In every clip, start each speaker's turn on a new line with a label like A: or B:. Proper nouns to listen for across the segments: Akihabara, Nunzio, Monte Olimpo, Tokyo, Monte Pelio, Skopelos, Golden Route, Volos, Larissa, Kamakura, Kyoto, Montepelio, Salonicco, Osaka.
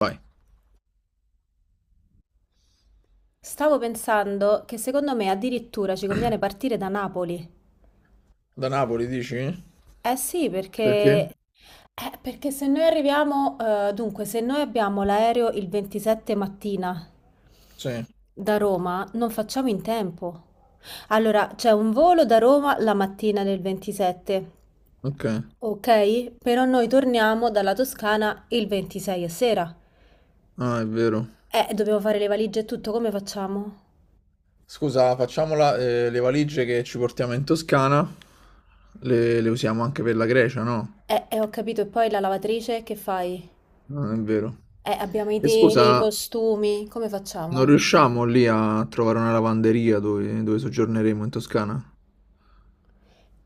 A: Vai.
B: Stavo pensando che secondo me addirittura ci conviene partire da Napoli.
A: Da Napoli, dici?
B: Eh sì, perché,
A: Perché?
B: eh, perché se noi abbiamo l'aereo il 27 mattina
A: Sì.
B: da Roma, non facciamo in tempo. Allora, c'è un volo da Roma la mattina del 27,
A: Ok.
B: ok? Però noi torniamo dalla Toscana il 26 a sera.
A: Ah, è vero.
B: Dobbiamo fare le valigie e tutto, come facciamo?
A: Scusa, facciamola, le valigie che ci portiamo in Toscana le usiamo anche per la Grecia, no?
B: Ho capito, e poi la lavatrice, che fai?
A: Non è vero.
B: Abbiamo i
A: E
B: teli, i
A: scusa,
B: costumi, come
A: non
B: facciamo?
A: riusciamo lì a trovare una lavanderia dove soggiorneremo in Toscana?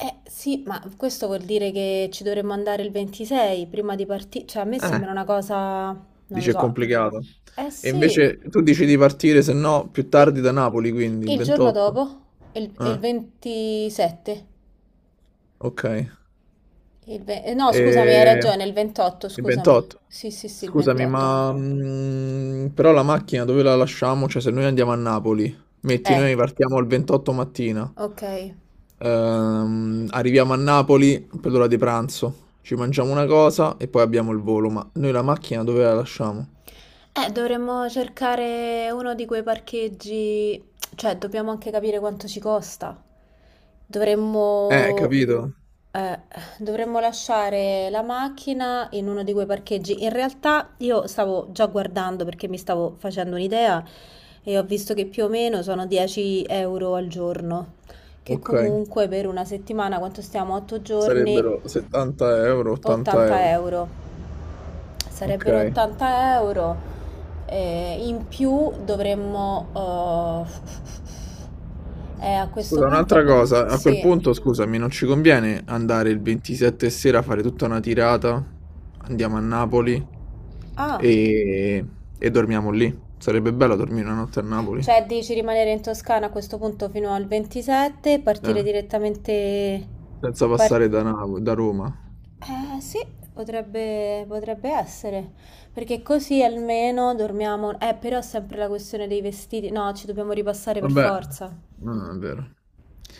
B: Eh sì, ma questo vuol dire che ci dovremmo andare il 26 prima di partire. Cioè, a me
A: Eh,
B: sembra una cosa, non lo
A: dice è
B: so.
A: complicato.
B: Eh
A: E
B: sì,
A: invece tu dici di partire, se no, più
B: i-
A: tardi da Napoli, quindi il
B: il giorno
A: 28.
B: dopo, il
A: Eh,
B: 27.
A: ok.
B: No, scusami, hai
A: E...
B: ragione, il 28,
A: Il
B: scusami.
A: 28.
B: Sì, sì, sì, il
A: Scusami,
B: 28.
A: ma però la macchina dove la lasciamo? Cioè, se noi andiamo a Napoli, metti,
B: Eh,
A: noi partiamo il 28 mattina,
B: ok.
A: arriviamo a Napoli per l'ora di pranzo, ci mangiamo una cosa e poi abbiamo il volo, ma noi la macchina dove la lasciamo?
B: Dovremmo cercare uno di quei parcheggi, cioè dobbiamo anche capire quanto ci costa. Dovremmo,
A: Capito?
B: eh, dovremmo lasciare la macchina in uno di quei parcheggi. In realtà io stavo già guardando perché mi stavo facendo un'idea e ho visto che più o meno sono 10 euro al giorno, che
A: Ok,
B: comunque per una settimana, quanto stiamo? 8 giorni,
A: sarebbero 70 euro, 80
B: 80
A: euro.
B: euro.
A: Ok.
B: Sarebbero 80 euro, in più dovremmo. A questo
A: Scusa, un'altra
B: punto.
A: cosa, a quel
B: Sì.
A: punto, scusami, non ci conviene andare il 27 sera a fare tutta una tirata? Andiamo a Napoli
B: Ah,
A: e, e dormiamo lì. Sarebbe bello dormire una notte a Napoli,
B: cioè dici rimanere in Toscana a questo punto fino al 27,
A: eh,
B: partire direttamente.
A: senza
B: par-
A: passare da Roma.
B: Eh sì, potrebbe, essere. Perché così almeno dormiamo. Però sempre la questione dei vestiti. No, ci dobbiamo ripassare per
A: Vabbè,
B: forza.
A: no, non è vero.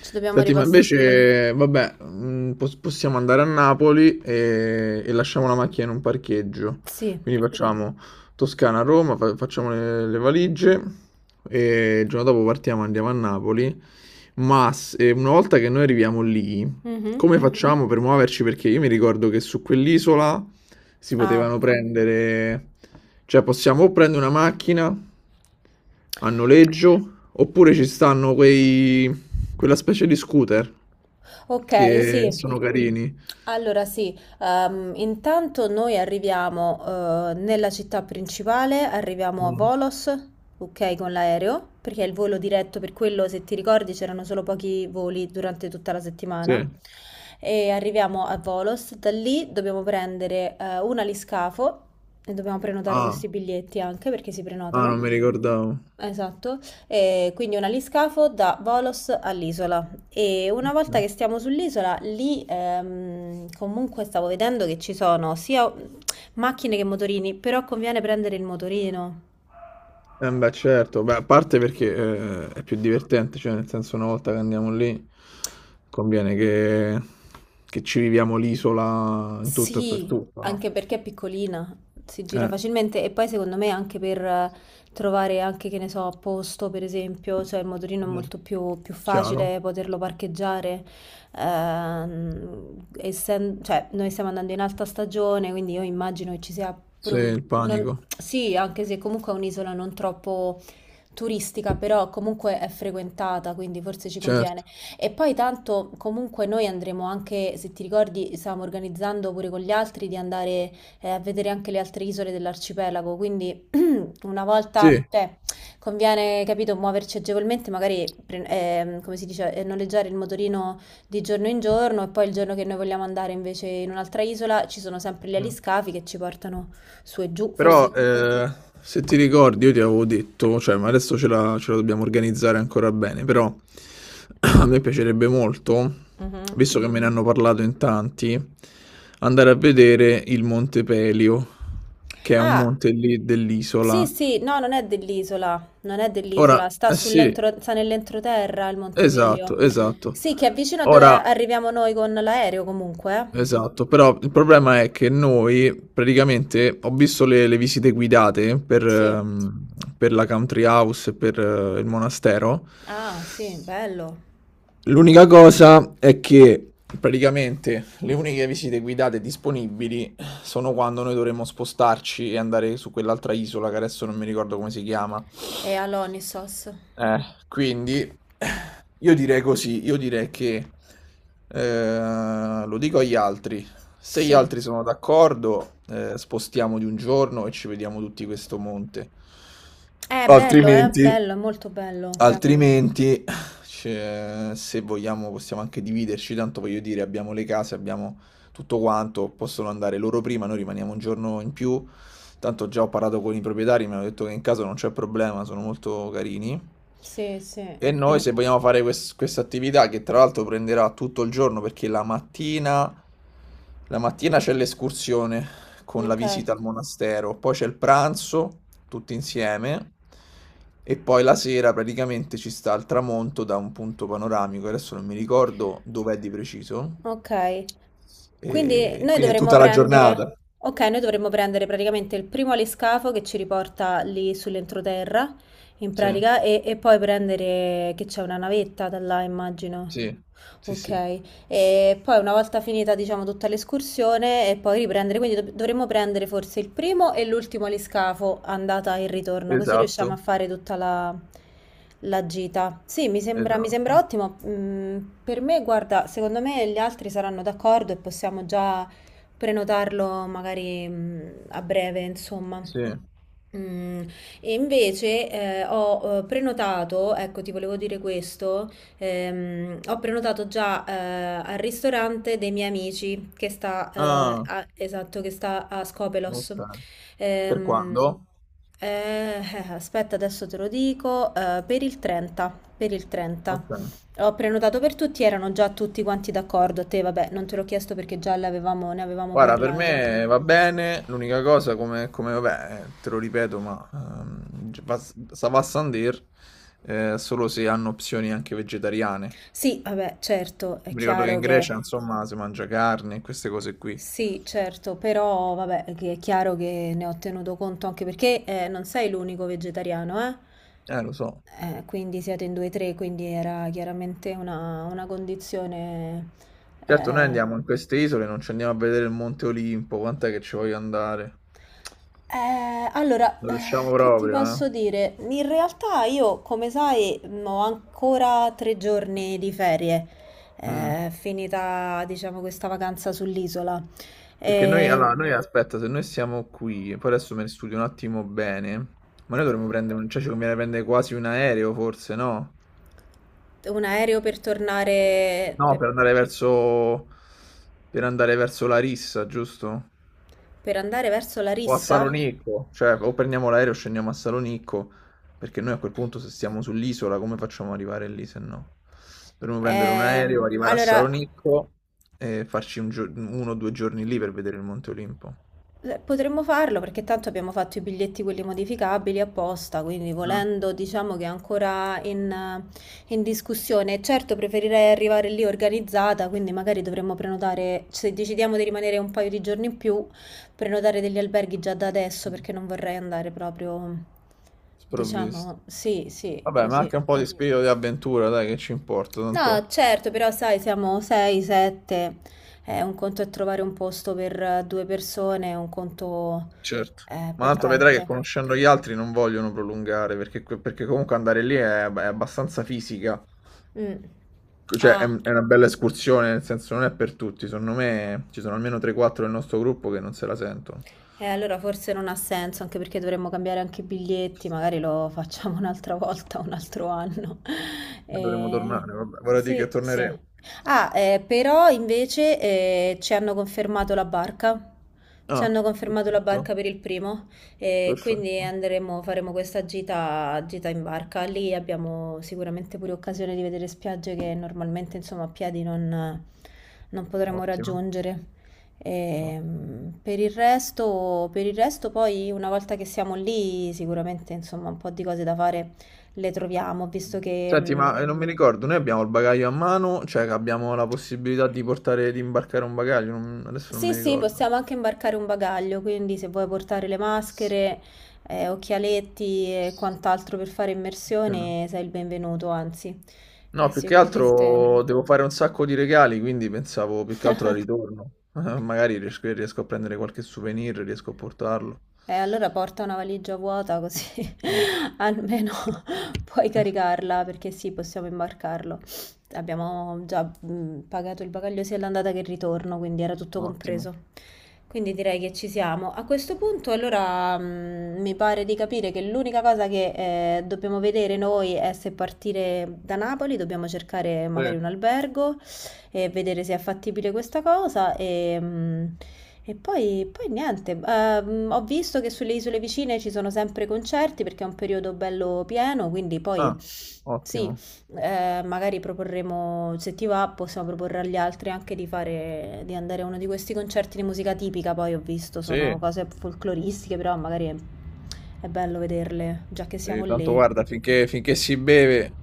B: Ci dobbiamo
A: Senti, ma
B: ripassare.
A: invece, vabbè, possiamo andare a Napoli e lasciamo la macchina in un parcheggio.
B: Sì.
A: Quindi facciamo Toscana-Roma, facciamo le valigie e il giorno dopo partiamo, andiamo a Napoli. Ma una volta che noi arriviamo lì,
B: Mhm.
A: come facciamo per muoverci? Perché io mi ricordo che su quell'isola si
B: Ah.
A: potevano prendere, cioè possiamo o prendere una macchina a noleggio, oppure ci stanno quella specie di scooter
B: Ok,
A: che
B: sì.
A: sono carini.
B: Allora sì, intanto noi arriviamo nella città principale, arriviamo a
A: Mm,
B: Volos, ok, con l'aereo, perché è il volo diretto, per quello se ti ricordi c'erano solo pochi voli durante tutta la settimana.
A: sì.
B: E arriviamo a Volos, da lì dobbiamo prendere un aliscafo e dobbiamo prenotare
A: Ah,
B: questi biglietti anche perché si
A: ah, non
B: prenotano.
A: mi ricordavo.
B: Esatto, e quindi un aliscafo da Volos all'isola e una volta che stiamo sull'isola lì comunque stavo vedendo che ci sono sia macchine che motorini, però conviene prendere il motorino.
A: Eh beh, certo, beh, a parte perché è più divertente, cioè nel senso una volta che andiamo lì conviene che ci viviamo l'isola in tutto e per
B: Sì,
A: tutto, no?
B: anche perché è piccolina, si gira
A: Eh,
B: facilmente e poi secondo me anche per trovare anche, che ne so, posto per esempio, cioè il motorino è
A: Mm.
B: molto più
A: Chiaro.
B: facile poterlo parcheggiare, cioè noi stiamo andando in alta stagione, quindi io immagino che ci sia pure
A: Sì,
B: un.
A: il
B: non-
A: panico,
B: sì, anche se comunque è un'isola non troppo turistica, però comunque è frequentata, quindi forse ci conviene.
A: certo.
B: E poi tanto comunque noi andremo anche, se ti ricordi, stavamo organizzando pure con gli altri di andare a vedere anche le altre isole dell'arcipelago, quindi una volta,
A: Sì,
B: cioè, conviene, capito, muoverci agevolmente, magari, come si dice, noleggiare il motorino di giorno in giorno e poi il giorno che noi vogliamo andare invece in un'altra isola ci sono sempre gli
A: Mm.
B: aliscafi che ci portano su e giù,
A: Però
B: forse.
A: se ti ricordi io ti avevo detto, cioè, ma adesso ce la dobbiamo organizzare ancora bene, però a me piacerebbe molto,
B: Mhm.
A: visto che me ne hanno parlato in tanti, andare a vedere il Monte Pelio, che è un
B: Ah,
A: monte lì
B: sì,
A: dell'isola.
B: sì, no, non è dell'isola, non è
A: Ora,
B: dell'isola,
A: eh sì,
B: sta nell'entroterra il
A: esatto,
B: Montepelio.
A: esatto.
B: Sì, che è vicino a dove
A: Ora,
B: arriviamo noi con l'aereo comunque.
A: Esatto, però il problema è che noi praticamente ho visto le visite guidate
B: Sì.
A: per la country house e per il monastero.
B: Ah, sì, bello.
A: L'unica cosa è che praticamente le uniche visite guidate disponibili sono quando noi dovremmo spostarci e andare su quell'altra isola che adesso non mi ricordo come si chiama.
B: E all'Onisos.
A: Eh, quindi io direi così, io direi che lo dico agli altri. Se gli
B: Sì.
A: altri sono d'accordo, spostiamo di un giorno e ci vediamo tutti questo monte.
B: È bello,
A: Altrimenti,
B: bello, è molto bello.
A: Altrimenti, cioè, se vogliamo, possiamo anche dividerci. Tanto voglio dire, abbiamo le case, abbiamo tutto quanto. Possono andare loro prima, noi rimaniamo un giorno in più. Tanto già ho parlato con i proprietari, mi hanno detto che in casa non c'è problema, sono molto carini.
B: Sì, sì.
A: E noi, se vogliamo fare questa attività, che tra l'altro prenderà tutto il giorno, perché la mattina c'è l'escursione con la
B: Ok.
A: visita al monastero, poi c'è il pranzo tutti insieme e poi la sera praticamente ci sta il tramonto da un punto panoramico, adesso non mi ricordo dov'è di preciso,
B: Ok, quindi
A: e
B: noi
A: quindi è
B: dovremmo
A: tutta la
B: prendere,
A: giornata.
B: ok, noi dovremmo prendere praticamente il primo aliscafo che ci riporta lì sull'entroterra, in
A: Sì,
B: pratica, e poi prendere che c'è una navetta da là, immagino.
A: sì, sì, sì,
B: Ok, e poi una volta finita, diciamo, tutta l'escursione e poi riprendere, quindi dovremmo prendere forse il primo e l'ultimo aliscafo, andata e ritorno, così riusciamo a
A: esatto,
B: fare tutta la gita. Sì, mi sembra
A: esatto,
B: ottimo. Per me, guarda, secondo me gli altri saranno d'accordo e possiamo già prenotarlo magari, a breve, insomma.
A: sì.
B: Mm, E invece ho prenotato, ecco, ti volevo dire questo. Ho prenotato già al ristorante dei miei amici che sta,
A: Ah,
B: esatto, che sta a Skopelos.
A: ok. Per
B: Ehm,
A: quando?
B: eh, Aspetta, adesso te lo dico, per il 30, per il 30.
A: Ok.
B: Ho prenotato per tutti, erano già tutti quanti d'accordo. A te, vabbè, non te l'ho chiesto perché ne avevamo
A: Guarda, per
B: parlato.
A: me va bene, l'unica cosa come, vabbè, te lo ripeto, ma Sava Sandir solo se hanno opzioni anche vegetariane.
B: Sì, vabbè, certo, è
A: Mi ricordo che
B: chiaro
A: in Grecia,
B: che.
A: insomma, si mangia carne e queste cose qui.
B: Sì, certo, però vabbè, che è chiaro che ne ho tenuto conto anche perché non sei l'unico vegetariano, eh?
A: Lo so.
B: Quindi siete in due o tre, quindi era chiaramente una condizione.
A: Certo, noi
B: eh.
A: andiamo in queste isole, non ci andiamo a vedere il Monte Olimpo, quant'è che ci voglio andare?
B: Allora,
A: Non riusciamo
B: che ti
A: proprio, eh?
B: posso dire? In realtà io, come sai, ho ancora 3 giorni di ferie,
A: Mm.
B: finita, diciamo, questa vacanza sull'isola.
A: Perché noi,
B: Eh,
A: allora, noi aspetta, se noi siamo qui, poi adesso me ne studio un attimo bene, ma noi dovremmo prendere, cioè ci conviene prendere quasi un aereo forse, no?
B: un aereo per tornare.
A: No, per andare verso, Larissa, giusto?
B: Per andare verso
A: O a
B: Larissa?
A: Salonicco, cioè o prendiamo l'aereo e scendiamo a Salonicco, perché noi a quel punto se stiamo sull'isola come facciamo ad arrivare lì se no? Dovremmo prendere un aereo, arrivare a
B: Allora,
A: Salonicco e farci uno o due giorni lì per vedere il Monte Olimpo.
B: potremmo farlo perché tanto abbiamo fatto i biglietti quelli modificabili apposta, quindi volendo diciamo che è ancora in, in discussione. Certo, preferirei arrivare lì organizzata, quindi magari dovremmo prenotare, se decidiamo di rimanere un paio di giorni in più, prenotare degli alberghi già da adesso
A: Mm.
B: perché non vorrei andare proprio,
A: Sprovvisto.
B: diciamo, sì, sì,
A: Vabbè, ma
B: così.
A: anche un po' di spirito di avventura, dai, che ci importa, tanto.
B: No, certo, però sai, siamo 6, 7, un conto è trovare un posto per due persone, un conto
A: Certo. Ma
B: per
A: tanto vedrai che
B: tante.
A: conoscendo gli altri non vogliono prolungare, perché comunque andare lì è abbastanza fisica.
B: Mm.
A: Cioè, è,
B: Ah,
A: è una bella escursione, nel senso non è per tutti. Secondo me ci sono almeno 3-4 del nostro gruppo che non se la sentono.
B: e allora forse non ha senso, anche perché dovremmo cambiare anche i biglietti, magari lo facciamo un'altra volta, un altro anno.
A: E dovremmo
B: Eh,
A: tornare, vabbè. Vorrei dire che
B: sì, sì.
A: torneremo.
B: Ah, però invece ci hanno confermato la barca. Ci
A: Ah,
B: hanno confermato la
A: perfetto.
B: barca per il primo e quindi
A: Perfetto.
B: andremo, faremo questa gita, gita in barca. Lì abbiamo sicuramente pure occasione di vedere spiagge che normalmente, insomma, a piedi non potremo
A: Ottimo.
B: raggiungere.
A: Ottimo.
B: Per il resto, poi una volta che siamo lì sicuramente insomma un po' di cose da fare le troviamo, visto che
A: Senti, ma non mi ricordo, noi abbiamo il bagaglio a mano, cioè che abbiamo la possibilità di portare, di imbarcare un bagaglio, adesso non
B: sì,
A: mi
B: sì,
A: ricordo.
B: possiamo anche imbarcare un bagaglio, quindi se vuoi portare le maschere, occhialetti e quant'altro per fare
A: No,
B: immersione sei il benvenuto, anzi
A: no, più che
B: sicuramente.
A: altro devo fare un sacco di regali, quindi pensavo più che altro al ritorno. Magari riesco a prendere qualche souvenir, riesco a portarlo.
B: E allora porta una valigia vuota così
A: Mm.
B: almeno puoi caricarla perché sì, possiamo imbarcarlo. Abbiamo già pagato il bagaglio sia all'andata che il ritorno, quindi era tutto
A: Ottimo.
B: compreso. Quindi direi che ci siamo. A questo punto, allora, mi pare di capire che l'unica cosa che dobbiamo vedere noi è se partire da Napoli, dobbiamo cercare
A: Sì.
B: magari un albergo e vedere se è fattibile questa cosa e poi, niente. Ho visto che sulle isole vicine ci sono sempre concerti perché è un periodo bello pieno, quindi poi
A: Ah,
B: sì,
A: ottimo.
B: magari proporremo, se ti va, possiamo proporre agli altri anche di fare, di andare a uno di questi concerti di musica tipica, poi ho visto
A: Sì,
B: sono cose folcloristiche, però magari è bello vederle, già che siamo
A: sì, tanto
B: lì.
A: guarda, finché si beve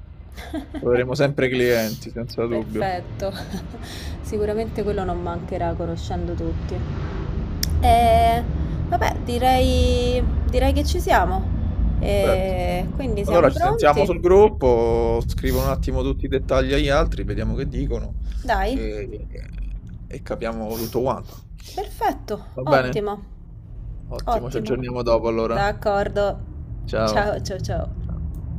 A: troveremo sempre clienti, senza dubbio.
B: Perfetto. Sicuramente quello non mancherà conoscendo tutti. E vabbè, direi, che ci siamo.
A: Perfetto.
B: E quindi
A: Allora
B: siamo
A: ci sentiamo sul
B: pronti?
A: gruppo, scrivo un attimo tutti i dettagli agli altri, vediamo che dicono
B: Dai,
A: e, e capiamo tutto quanto.
B: perfetto,
A: Va bene?
B: ottimo,
A: Ottimo, ci
B: ottimo.
A: aggiorniamo dopo allora.
B: D'accordo.
A: Ciao.
B: Ciao, ciao,
A: Ciao.
B: ciao.